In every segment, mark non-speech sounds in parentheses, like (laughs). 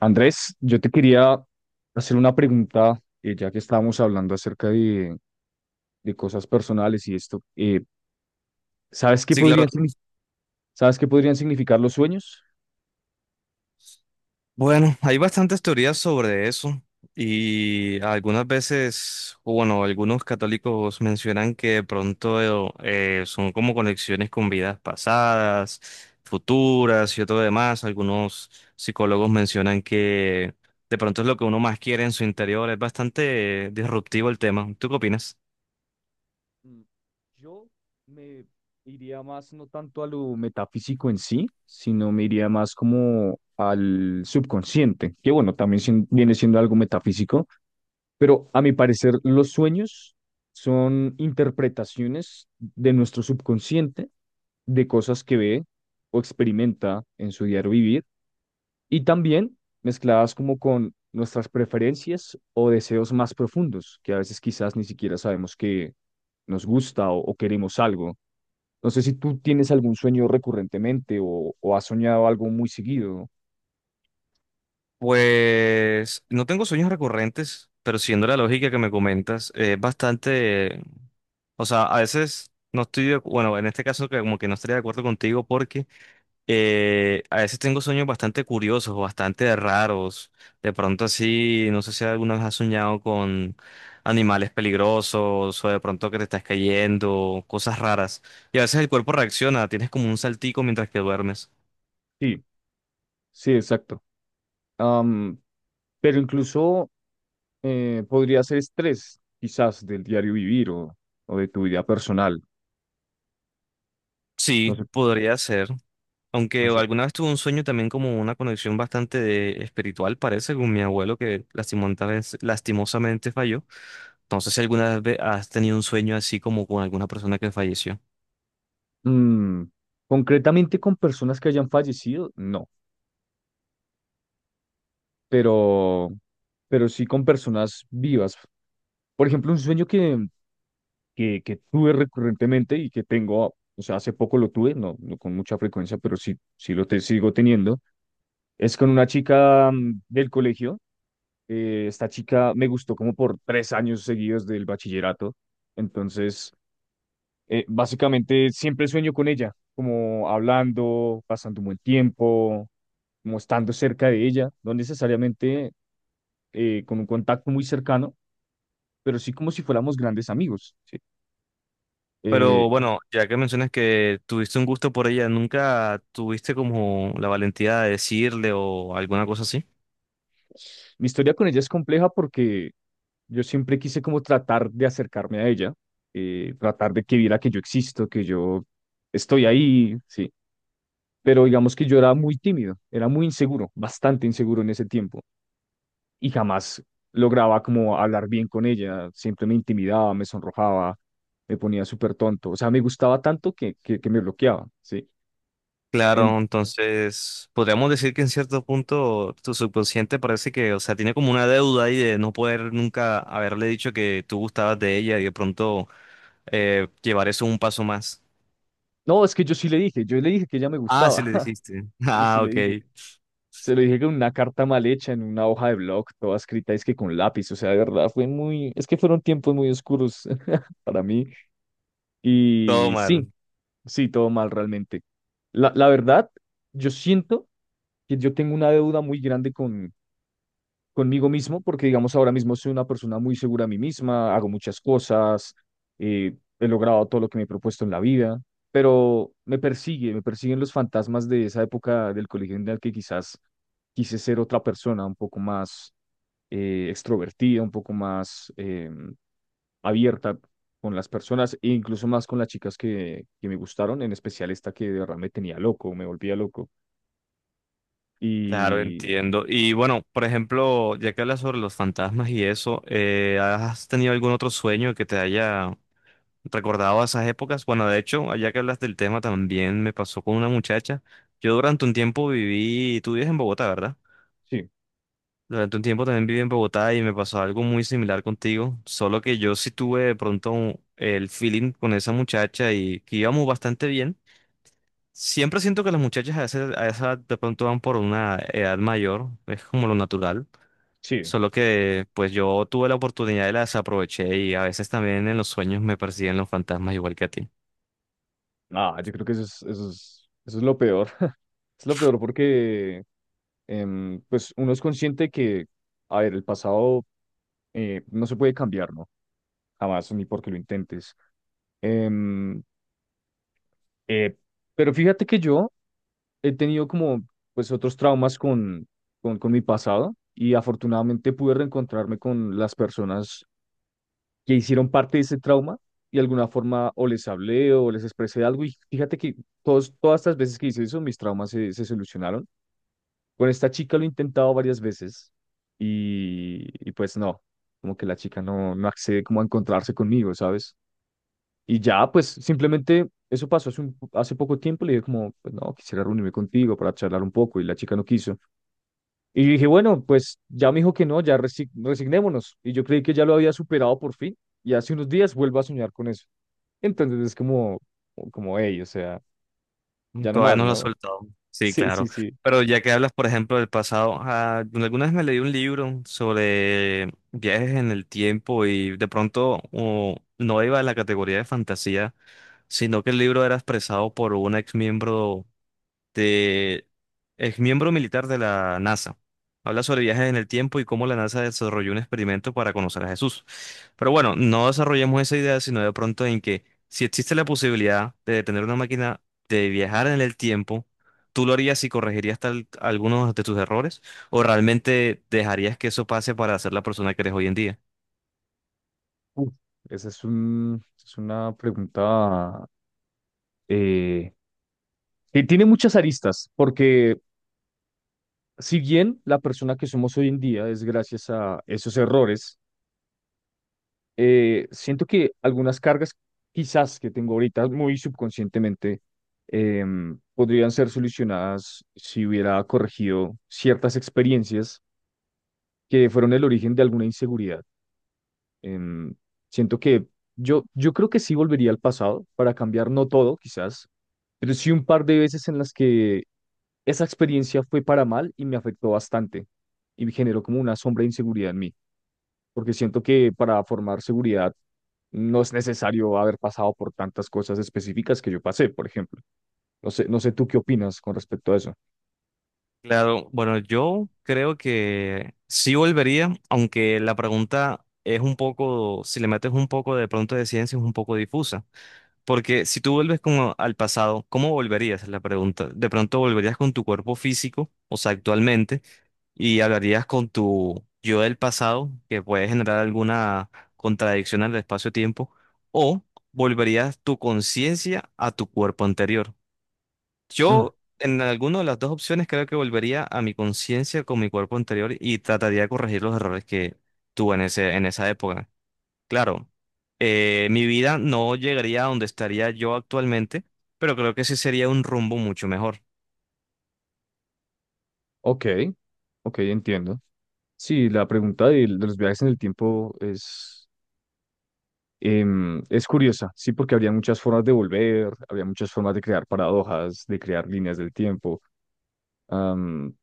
Andrés, yo te quería hacer una pregunta, ya que estábamos hablando acerca de cosas personales y esto. ¿Sabes qué Sí, claro. podrían, ¿sabes qué podrían significar los sueños? Bueno, hay bastantes teorías sobre eso y algunas veces, o bueno, algunos católicos mencionan que de pronto son como conexiones con vidas pasadas, futuras y todo demás. Algunos psicólogos mencionan que de pronto es lo que uno más quiere en su interior. Es bastante disruptivo el tema. ¿Tú qué opinas? Mm, Yo me iría más no tanto a lo metafísico en sí, sino me iría más como al subconsciente, que bueno, también viene siendo algo metafísico, pero a mi parecer los sueños son interpretaciones de nuestro subconsciente de cosas que ve o experimenta en su diario vivir y también mezcladas como con nuestras preferencias o deseos más profundos, que a veces quizás ni siquiera sabemos que nos gusta o queremos algo. No sé si tú tienes algún sueño recurrentemente o has soñado algo muy seguido. Pues no tengo sueños recurrentes, pero siendo la lógica que me comentas, es bastante. O sea, a veces no estoy de, bueno, en este caso que como que no estaría de acuerdo contigo porque a veces tengo sueños bastante curiosos, o bastante raros. De pronto así, no sé si alguna vez has soñado con animales peligrosos o de pronto que te estás cayendo, cosas raras. Y a veces el cuerpo reacciona, tienes como un saltico mientras que duermes. Sí, sí, exacto. Am, pero incluso podría ser estrés, quizás del diario vivir o de tu vida personal. No Sí, sé, podría ser. Aunque no sé. alguna vez tuve un sueño también como una conexión bastante espiritual, parece, con mi abuelo que lastimosamente, lastimosamente falló. No sé si alguna vez has tenido un sueño así como con alguna persona que falleció. Mm, Concretamente con personas que hayan fallecido, no, pero, pero sí con personas vivas. Por ejemplo, un sueño que, que tuve recurrentemente y que tengo, o sea, hace poco lo tuve, no, no con mucha frecuencia, pero sí, sigo teniendo, es con una chica del colegio. Esta chica me gustó como por tres años seguidos del bachillerato. Entonces, básicamente siempre sueño con ella, como hablando, pasando un buen tiempo, como estando cerca de ella, no necesariamente con un contacto muy cercano, pero sí como si fuéramos grandes amigos, ¿sí? Eh, Pero bueno, ya que mencionas que tuviste un gusto por ella, ¿nunca tuviste como la valentía de decirle o alguna cosa así? mi historia con ella es compleja porque yo siempre quise como tratar de acercarme a ella, tratar de que viera que yo existo, que yo estoy ahí, ¿sí? Pero digamos que yo era muy tímido, era muy inseguro, bastante inseguro en ese tiempo. Y jamás lograba como hablar bien con ella, siempre me intimidaba, me sonrojaba, me ponía súper tonto, o sea, me gustaba tanto que me bloqueaba, ¿sí? En- Claro, entonces podríamos decir que en cierto punto tu subconsciente parece que, o sea, tiene como una deuda ahí de no poder nunca haberle dicho que tú gustabas de ella y de pronto llevar eso un paso más. no, es que yo sí le dije, yo le dije que ella me Ah, sí gustaba, le (laughs) dijiste. (laughs) sí, sí Ah, le ok. dije, se lo dije con una carta mal hecha, en una hoja de blog, toda escrita, es que con lápiz, o sea, de verdad, fue muy, es que fueron tiempos muy oscuros (laughs) para mí, Todo y sí, mal. sí, todo mal realmente. La verdad, yo siento que yo tengo una deuda muy grande conmigo mismo, porque digamos ahora mismo soy una persona muy segura de mí misma, hago muchas cosas, he logrado todo lo que me he propuesto en la vida, pero me persigue, me persiguen los fantasmas de esa época del colegio en la que quizás quise ser otra persona, un poco más extrovertida, un poco más abierta con las personas e incluso más con las chicas que me gustaron, en especial esta que de verdad me tenía loco, me volvía loco. Claro, Y entiendo. Y bueno, por ejemplo, ya que hablas sobre los fantasmas y eso, ¿has tenido algún otro sueño que te haya recordado a esas épocas? Bueno, de hecho, ya que hablas del tema, también me pasó con una muchacha. Yo durante un tiempo viví, tú vives en Bogotá, ¿verdad? sí, Durante un tiempo también viví en Bogotá y me pasó algo muy similar contigo, solo que yo sí tuve de pronto el feeling con esa muchacha y que íbamos bastante bien. Siempre siento que las muchachas a veces a esa edad de pronto van por una edad mayor, es como lo natural. sí, Solo que pues yo tuve la oportunidad y la desaproveché y a veces también en los sueños me persiguen los fantasmas igual que a ti. ah, yo creo que eso es, eso es, eso es lo peor. Es lo peor porque pues uno es consciente que, a ver, el pasado no se puede cambiar, ¿no? Jamás, ni porque lo intentes. Em, eh, pero fíjate que yo he tenido como pues otros traumas con, con mi pasado y afortunadamente pude reencontrarme con las personas que hicieron parte de ese trauma y de alguna forma o les hablé o les expresé algo y fíjate que todas estas veces que hice eso, mis traumas se, se solucionaron. Con esta chica lo he intentado varias veces y pues no, como que la chica no, no accede como a encontrarse conmigo, ¿sabes? Y ya, pues simplemente eso pasó hace, hace poco tiempo, le dije como, pues no, quisiera reunirme contigo para charlar un poco y la chica no quiso. Y dije, bueno, pues ya me dijo que no, ya resignémonos. Y yo creí que ya lo había superado por fin y hace unos días vuelvo a soñar con eso. Entonces es como, como, hey, o sea, Mm, ya no todavía más, no lo has ¿no? (laughs) soltado. Sí, Sí, sí, claro. sí. Pero ya que hablas, por ejemplo, del pasado, ah, alguna vez me leí un libro sobre viajes en el tiempo y de pronto oh, no iba a la categoría de fantasía, sino que el libro era expresado por un ex miembro de exmiembro militar de la NASA. Habla sobre viajes en el tiempo y cómo la NASA desarrolló un experimento para conocer a Jesús. Pero bueno, no desarrollemos esa idea, sino de pronto en que si existe la posibilidad de tener una máquina de viajar en el tiempo, ¿tú lo harías y corregirías tal, algunos de tus errores? ¿O realmente dejarías que eso pase para ser la persona que eres hoy en día? Uf, esa es un, es una pregunta. Eh, y tiene muchas aristas, porque si bien la persona que somos hoy en día es gracias a esos errores, siento que algunas cargas quizás que tengo ahorita muy subconscientemente podrían ser solucionadas si hubiera corregido ciertas experiencias que fueron el origen de alguna inseguridad. Em, siento que yo creo que sí volvería al pasado para cambiar, no todo quizás, pero sí un par de veces en las que esa experiencia fue para mal y me afectó bastante y me generó como una sombra de inseguridad en mí, porque siento que para formar seguridad no es necesario haber pasado por tantas cosas específicas que yo pasé, por ejemplo. No sé, no sé tú qué opinas con respecto a eso. Claro, bueno, yo creo que sí volvería, aunque la pregunta es un poco, si le metes un poco de pronto de ciencia, es un poco difusa. Porque si tú vuelves como al pasado, ¿cómo volverías? Es la pregunta. De pronto volverías con tu cuerpo físico, o sea, actualmente, y hablarías con tu yo del pasado, que puede generar alguna contradicción al espacio-tiempo, o volverías tu conciencia a tu cuerpo anterior. Mm, Yo, en alguna de las dos opciones, creo que volvería a mi conciencia con mi cuerpo anterior y trataría de corregir los errores que tuve en ese, en esa época. Claro, mi vida no llegaría a donde estaría yo actualmente, pero creo que sí sería un rumbo mucho mejor. ok, ok, entiendo. Sí, la pregunta de, los viajes en el tiempo es, es curiosa, sí, porque habría muchas formas de volver, habría muchas formas de crear paradojas, de crear líneas del tiempo. Am,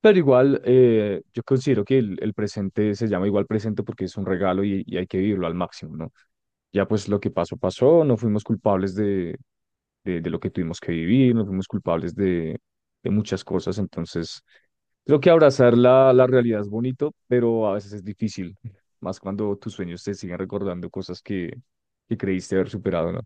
Pero igual, yo considero que el presente se llama igual presente porque es un regalo y hay que vivirlo al máximo, ¿no? Ya pues lo que pasó, pasó, no fuimos culpables de lo que tuvimos que vivir, no fuimos culpables de muchas cosas, entonces creo que abrazar la, la realidad es bonito, pero a veces es difícil, más cuando tus sueños te siguen recordando cosas que creíste haber superado, ¿no?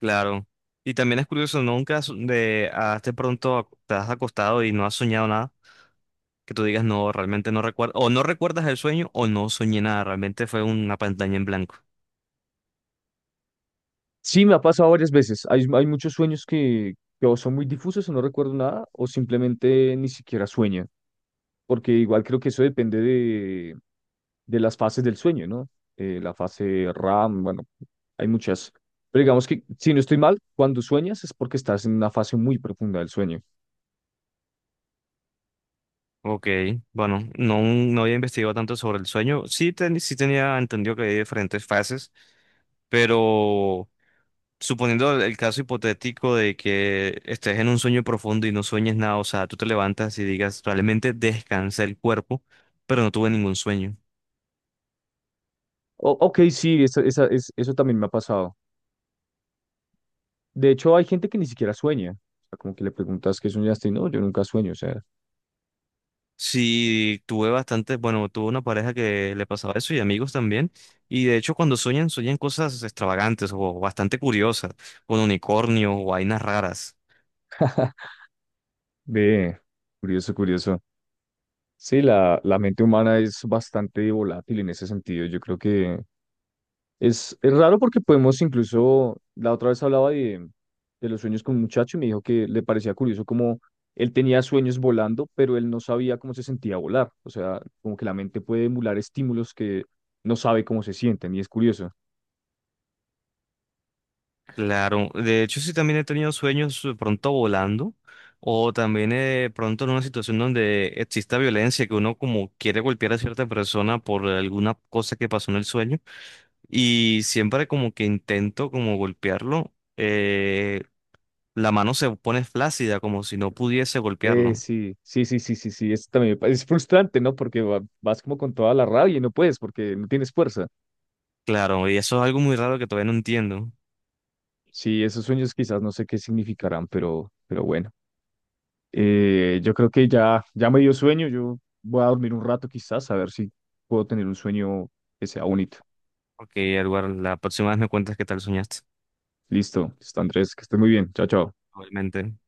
Claro. Y también es curioso, ¿no? ¿Nunca de hasta pronto te has acostado y no has soñado nada, que tú digas, no, realmente no recuerdo, o no recuerdas el sueño, o no soñé nada, realmente fue una pantalla en blanco? Sí, me ha pasado varias veces, hay muchos sueños que o son muy difusos o no recuerdo nada, o simplemente ni siquiera sueño. Porque igual creo que eso depende de las fases del sueño, ¿no? La fase RAM, bueno, hay muchas. Pero digamos que, si no estoy mal, cuando sueñas es porque estás en una fase muy profunda del sueño. Ok, bueno, no, no había investigado tanto sobre el sueño. Sí, sí tenía entendido que hay diferentes fases, pero suponiendo el caso hipotético de que estés en un sueño profundo y no sueñes nada, o sea, tú te levantas y digas, realmente descansé el cuerpo, pero no tuve ningún sueño. Ok, sí, es, eso también me ha pasado. De hecho, hay gente que ni siquiera sueña. O sea, como que le preguntas qué soñaste y no, yo nunca sueño. O sea, Sí, tuve bastante, bueno, tuve una pareja que le pasaba eso y amigos también, y de hecho cuando sueñan, sueñan cosas extravagantes o bastante curiosas, con unicornios o vainas raras. ve, curioso, curioso. Sí, la mente humana es bastante volátil en ese sentido. Yo creo que es raro porque podemos incluso, la otra vez hablaba de los sueños con un muchacho y me dijo que le parecía curioso como él tenía sueños volando, pero él no sabía cómo se sentía volar. O sea, como que la mente puede emular estímulos que no sabe cómo se sienten y es curioso. Claro, de hecho sí también he tenido sueños de pronto volando o también de pronto en una situación donde exista violencia, que uno como quiere golpear a cierta persona por alguna cosa que pasó en el sueño y siempre como que intento como golpearlo, la mano se pone flácida como si no pudiese golpearlo. Sí, sí, sí, sí, sí, sí, es también es frustrante, ¿no? Porque vas como con toda la rabia y no puedes porque no tienes fuerza. Claro, y eso es algo muy raro que todavía no entiendo, Sí, esos sueños quizás no sé qué significarán, pero bueno. Yo creo que ya, ya me dio sueño. Yo voy a dormir un rato quizás, a ver si puedo tener un sueño que sea bonito. porque Edward, la próxima vez me cuentas qué tal soñaste, Listo, listo, Andrés, que estés muy bien. Chao, chao. obviamente.